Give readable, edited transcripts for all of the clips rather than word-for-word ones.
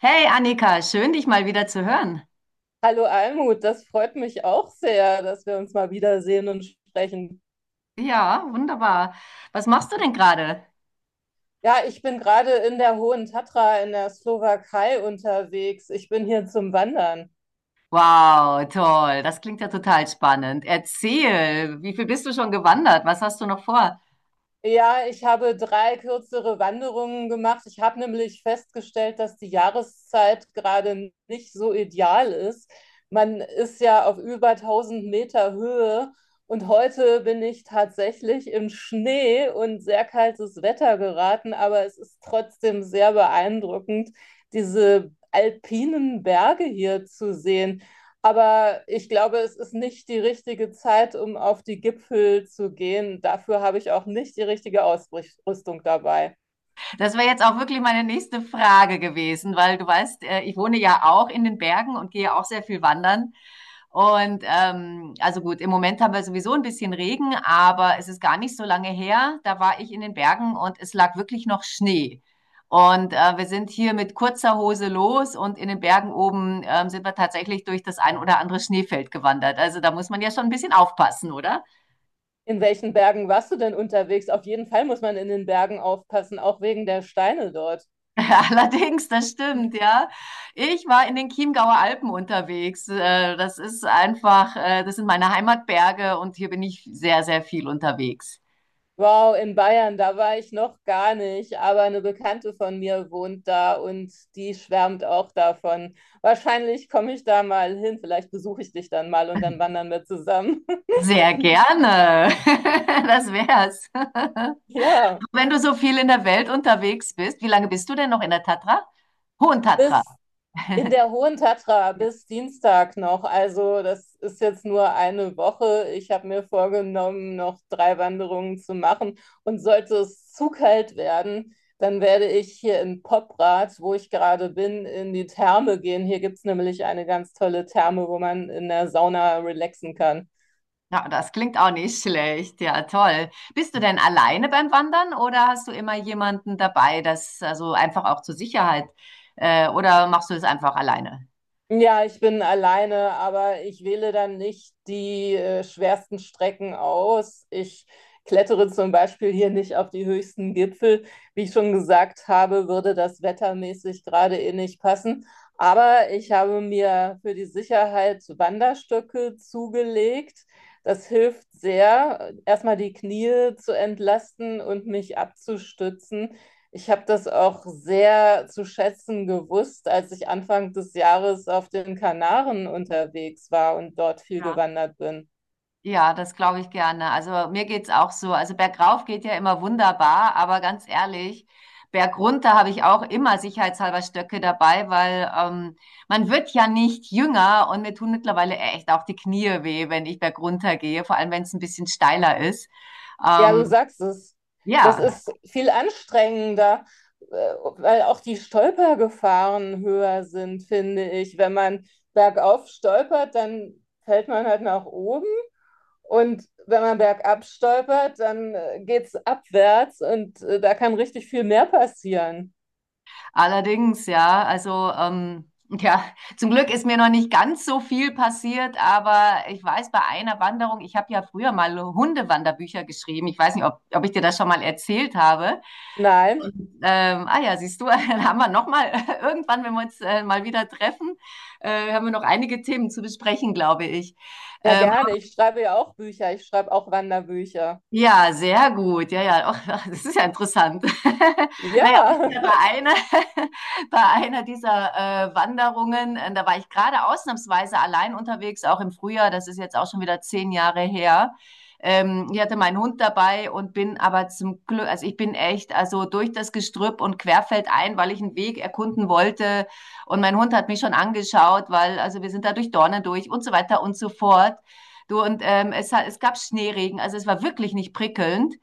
Hey Annika, schön dich mal wieder zu hören. Hallo Almut, das freut mich auch sehr, dass wir uns mal wiedersehen und sprechen. Ja, wunderbar. Was machst du denn gerade? Ja, ich bin gerade in der Hohen Tatra in der Slowakei unterwegs. Ich bin hier zum Wandern. Wow, toll. Das klingt ja total spannend. Erzähl, wie viel bist du schon gewandert? Was hast du noch vor? Ja, ich habe drei kürzere Wanderungen gemacht. Ich habe nämlich festgestellt, dass die Jahreszeit gerade nicht so ideal ist. Man ist ja auf über 1000 Meter Höhe und heute bin ich tatsächlich in Schnee und sehr kaltes Wetter geraten, aber es ist trotzdem sehr beeindruckend, diese alpinen Berge hier zu sehen. Aber ich glaube, es ist nicht die richtige Zeit, um auf die Gipfel zu gehen. Dafür habe ich auch nicht die richtige Ausrüstung dabei. Das wäre jetzt auch wirklich meine nächste Frage gewesen, weil du weißt, ich wohne ja auch in den Bergen und gehe auch sehr viel wandern. Und also gut, im Moment haben wir sowieso ein bisschen Regen, aber es ist gar nicht so lange her. Da war ich in den Bergen und es lag wirklich noch Schnee. Und wir sind hier mit kurzer Hose los und in den Bergen oben sind wir tatsächlich durch das ein oder andere Schneefeld gewandert. Also da muss man ja schon ein bisschen aufpassen, oder? In welchen Bergen warst du denn unterwegs? Auf jeden Fall muss man in den Bergen aufpassen, auch wegen der Steine dort. Allerdings, das stimmt, ja. Ich war in den Chiemgauer Alpen unterwegs. Das ist einfach, das sind meine Heimatberge und hier bin ich sehr, sehr viel unterwegs. Wow, in Bayern, da war ich noch gar nicht, aber eine Bekannte von mir wohnt da und die schwärmt auch davon. Wahrscheinlich komme ich da mal hin, vielleicht besuche ich dich dann mal und dann wandern wir zusammen. Sehr gerne. Das wär's. Ja, Wenn du so viel in der Welt unterwegs bist, wie lange bist du denn noch in der Tatra? Hohen Tatra. bis in der Hohen Tatra bis Dienstag noch. Also das ist jetzt nur eine Woche. Ich habe mir vorgenommen, noch drei Wanderungen zu machen. Und sollte es zu kalt werden, dann werde ich hier in Poprad, wo ich gerade bin, in die Therme gehen. Hier gibt es nämlich eine ganz tolle Therme, wo man in der Sauna relaxen kann. Ja, das klingt auch nicht schlecht. Ja, toll. Bist du denn alleine beim Wandern oder hast du immer jemanden dabei, das also einfach auch zur Sicherheit, oder machst du es einfach alleine? Ja, ich bin alleine, aber ich wähle dann nicht die schwersten Strecken aus. Ich klettere zum Beispiel hier nicht auf die höchsten Gipfel. Wie ich schon gesagt habe, würde das wettermäßig gerade eh nicht passen. Aber ich habe mir für die Sicherheit Wanderstöcke zugelegt. Das hilft sehr, erstmal die Knie zu entlasten und mich abzustützen. Ich habe das auch sehr zu schätzen gewusst, als ich Anfang des Jahres auf den Kanaren unterwegs war und dort viel Ja, gewandert bin. ja, das glaube ich gerne. Also mir geht's auch so. Also bergauf geht ja immer wunderbar, aber ganz ehrlich, bergunter habe ich auch immer sicherheitshalber Stöcke dabei, weil man wird ja nicht jünger und mir tun mittlerweile echt auch die Knie weh, wenn ich bergunter gehe, vor allem wenn es ein bisschen steiler ist. Ja, du Ähm, sagst es. Das ja. ist viel anstrengender, äh, weil auch die Stolpergefahren höher sind, finde ich. Wenn man bergauf stolpert, dann fällt man halt nach oben. Und wenn man bergab stolpert, dann geht's abwärts und da kann richtig viel mehr passieren. Allerdings, ja, also ja, zum Glück ist mir noch nicht ganz so viel passiert, aber ich weiß bei einer Wanderung, ich habe ja früher mal Hundewanderbücher geschrieben. Ich weiß nicht, ob ich dir das schon mal erzählt habe. Nein. Ah ja, siehst du, dann haben wir noch mal irgendwann, wenn wir uns mal wieder treffen, haben wir noch einige Themen zu besprechen, glaube ich. Ja, Ähm, gerne. Ich schreibe ja auch Bücher. Ich schreibe auch Wanderbücher. Ja sehr gut. Ja, ja, auch, das ist ja interessant. Ja. Naja, auf jeden bei einer, bei einer dieser Wanderungen, da war ich gerade ausnahmsweise allein unterwegs, auch im Frühjahr, das ist jetzt auch schon wieder 10 Jahre her. Ich hatte meinen Hund dabei und bin aber zum Glück, also ich bin echt, also durch das Gestrüpp und querfeld ein, weil ich einen Weg erkunden wollte. Und mein Hund hat mich schon angeschaut, weil, also wir sind da durch Dornen durch und so weiter und so fort. Du, und es gab Schneeregen, also es war wirklich nicht prickelnd.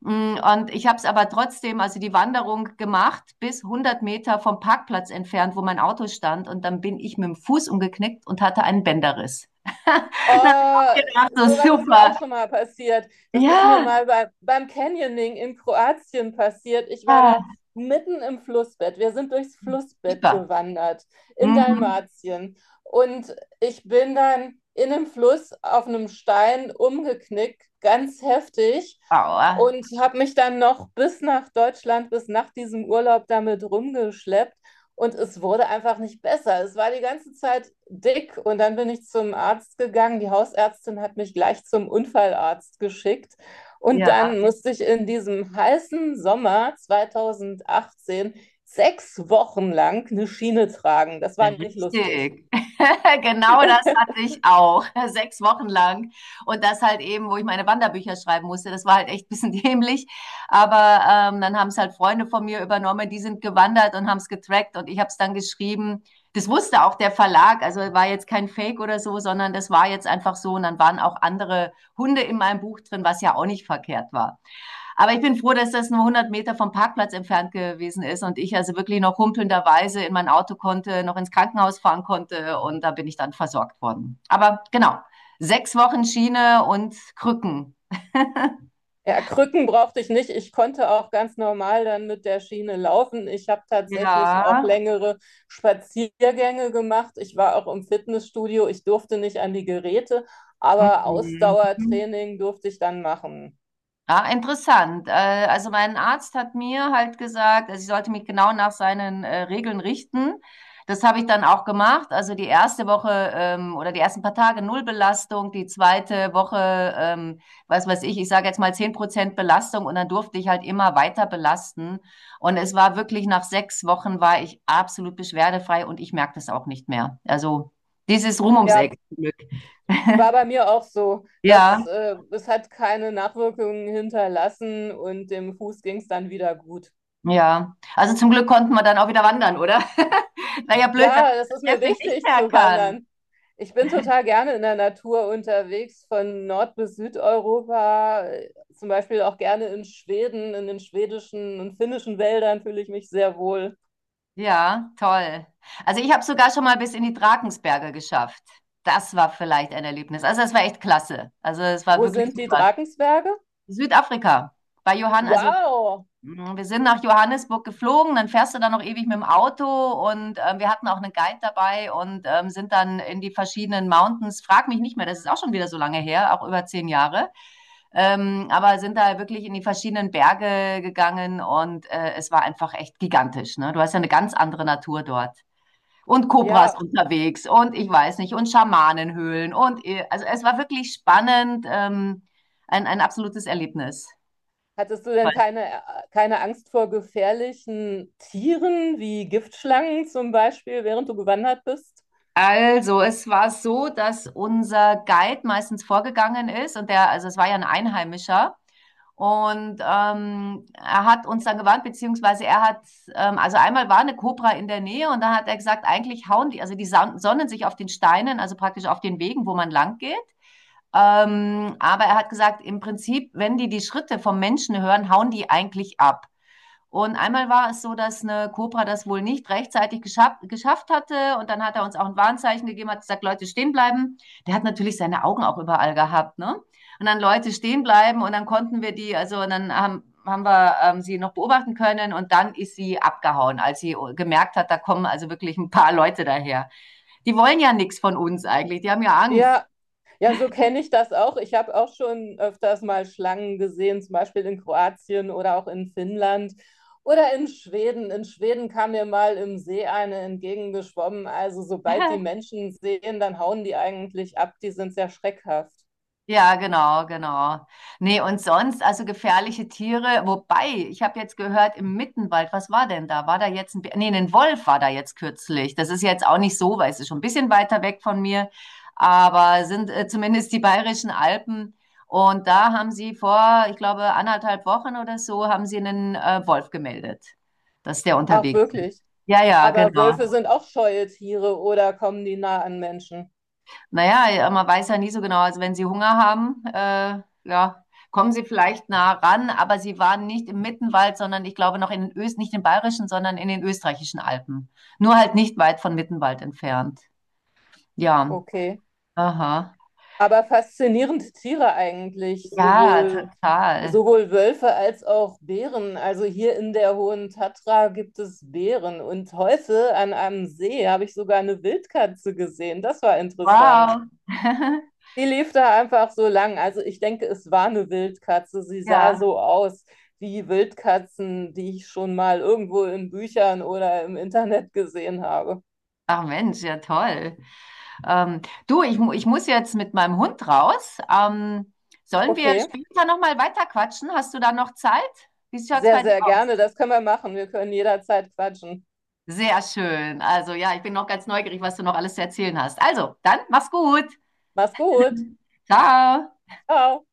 Und ich habe es aber trotzdem, also die Wanderung gemacht, bis 100 Meter vom Parkplatz entfernt, wo mein Auto stand. Und dann bin ich mit dem Fuß umgeknickt und hatte einen Bänderriss. Dann habe ich Oh, auch gedacht, so sowas ist mir super. auch schon mal passiert. Das ist mir Ja, mal beim Canyoning in Kroatien passiert. Ich war da ja, mitten im Flussbett. Wir sind durchs Flussbett super. gewandert in Mhm. Dalmatien. Und ich bin dann in einem Fluss auf einem Stein umgeknickt, ganz heftig. Aua. Und habe mich dann noch bis nach Deutschland, bis nach diesem Urlaub damit rumgeschleppt. Und es wurde einfach nicht besser. Es war die ganze Zeit dick. Und dann bin ich zum Arzt gegangen. Die Hausärztin hat mich gleich zum Unfallarzt geschickt. Und Ja. dann musste ich in diesem heißen Sommer 2018 sechs Wochen lang eine Schiene tragen. Das war nicht lustig. Richtig. Genau das hatte ich auch. 6 Wochen lang. Und das halt eben, wo ich meine Wanderbücher schreiben musste. Das war halt echt ein bisschen dämlich. Aber dann haben es halt Freunde von mir übernommen, die sind gewandert und haben es getrackt und ich habe es dann geschrieben. Das wusste auch der Verlag, also war jetzt kein Fake oder so, sondern das war jetzt einfach so. Und dann waren auch andere Hunde in meinem Buch drin, was ja auch nicht verkehrt war. Aber ich bin froh, dass das nur 100 Meter vom Parkplatz entfernt gewesen ist und ich also wirklich noch humpelnderweise in mein Auto konnte, noch ins Krankenhaus fahren konnte und da bin ich dann versorgt worden. Aber genau, 6 Wochen Schiene und Krücken. Ja, Krücken brauchte ich nicht. Ich konnte auch ganz normal dann mit der Schiene laufen. Ich habe tatsächlich Ja. auch längere Spaziergänge gemacht. Ich war auch im Fitnessstudio. Ich durfte nicht an die Geräte, aber Mhm. Ausdauertraining durfte ich dann machen. Ah, interessant. Also mein Arzt hat mir halt gesagt, also ich sollte mich genau nach seinen Regeln richten. Das habe ich dann auch gemacht. Also die erste Woche oder die ersten paar Tage null Belastung, die zweite Woche, was weiß ich, ich sage jetzt mal 10% Belastung und dann durfte ich halt immer weiter belasten. Und es war wirklich nach 6 Wochen war ich absolut beschwerdefrei und ich merke das auch nicht mehr. Also dieses Rum ums Ja, Eck. Glück. war bei mir auch so, dass Ja. Es hat keine Nachwirkungen hinterlassen und dem Fuß ging es dann wieder gut. Ja, also zum Glück konnten wir dann auch wieder wandern, oder? Wäre ja blöd, wenn man Ja, das ist das mir deswegen nicht wichtig mehr zu kann. wandern. Ich bin total gerne in der Natur unterwegs, von Nord- bis Südeuropa, zum Beispiel auch gerne in Schweden, in den schwedischen und finnischen Wäldern fühle ich mich sehr wohl. Ja, toll. Also ich habe sogar schon mal bis in die Drakensberge geschafft. Das war vielleicht ein Erlebnis. Also das war echt klasse. Also es war Wo wirklich sind die super. Drakensberge? Südafrika. Bei Johann, also Wow! Mhm, wir sind nach Johannesburg geflogen, dann fährst du da noch ewig mit dem Auto und wir hatten auch einen Guide dabei und sind dann in die verschiedenen Mountains. Frag mich nicht mehr, das ist auch schon wieder so lange her, auch über 10 Jahre. Aber sind da wirklich in die verschiedenen Berge gegangen und es war einfach echt gigantisch. Ne? Du hast ja eine ganz andere Natur dort. Und Kobras Ja, unterwegs und ich weiß nicht, und Schamanenhöhlen und also es war wirklich spannend, ein absolutes Erlebnis. hattest du denn keine Angst vor gefährlichen Tieren wie Giftschlangen zum Beispiel, während du gewandert bist? Also, es war so, dass unser Guide meistens vorgegangen ist und der, also es war ja ein Einheimischer und er hat uns dann gewarnt, beziehungsweise er hat, also einmal war eine Kobra in der Nähe und dann hat er gesagt, eigentlich hauen die, also die sonnen sich auf den Steinen, also praktisch auf den Wegen, wo man lang geht. Aber er hat gesagt, im Prinzip, wenn die die Schritte vom Menschen hören, hauen die eigentlich ab. Und einmal war es so, dass eine Cobra das wohl nicht rechtzeitig geschafft hatte. Und dann hat er uns auch ein Warnzeichen gegeben, hat gesagt, Leute, stehen bleiben. Der hat natürlich seine Augen auch überall gehabt, ne? Und dann Leute stehen bleiben und dann konnten wir die, also und dann haben wir sie noch beobachten können und dann ist sie abgehauen, als sie gemerkt hat, da kommen also wirklich ein paar Leute daher. Die wollen ja nichts von uns eigentlich, die haben ja Angst. Ja, ja, so kenne ich das auch. Ich habe auch schon öfters mal Schlangen gesehen, zum Beispiel in Kroatien oder auch in Finnland oder in Schweden. In Schweden kam mir mal im See eine entgegengeschwommen. Also sobald die Menschen sehen, dann hauen die eigentlich ab. Die sind sehr schreckhaft. Ja, genau, genau. Nee, und sonst, also gefährliche Tiere, wobei, ich habe jetzt gehört, im Mittenwald, was war denn da? War da jetzt ein Bär? Nee, ein Wolf war da jetzt kürzlich. Das ist jetzt auch nicht so, weil es ist schon ein bisschen weiter weg von mir, aber sind zumindest die Bayerischen Alpen. Und da haben sie vor, ich glaube, anderthalb Wochen oder so, haben sie einen Wolf gemeldet, dass der Auch unterwegs ist. wirklich. Ja, ja, Aber genau. Wölfe sind auch scheue Tiere oder kommen die nah an Menschen? Naja, ja, man weiß ja nie so genau. Also wenn sie Hunger haben, ja, kommen sie vielleicht nah ran, aber sie waren nicht im Mittenwald, sondern ich glaube noch in den Öst, nicht in den Bayerischen, sondern in den österreichischen Alpen. Nur halt nicht weit von Mittenwald entfernt. Ja, Okay. aha. Aber faszinierende Tiere eigentlich, Ja, sowohl, total. sowohl Wölfe als auch Bären. Also hier in der Hohen Tatra gibt es Bären. Und heute an einem See habe ich sogar eine Wildkatze gesehen. Das war interessant. Wow. Die lief da einfach so lang. Also ich denke, es war eine Wildkatze. Sie sah Ja. so aus wie Wildkatzen, die ich schon mal irgendwo in Büchern oder im Internet gesehen habe. Ach Mensch, ja toll. Ähm, du, ich muss jetzt mit meinem Hund raus. Sollen wir Okay, später nochmal weiter quatschen? Hast du da noch Zeit? Wie schaut's sehr, bei dir sehr aus? gerne. Das können wir machen. Wir können jederzeit quatschen. Sehr schön. Also ja, ich bin noch ganz neugierig, was du noch alles zu erzählen hast. Also, dann mach's gut. Mach's gut. Ciao. Ciao.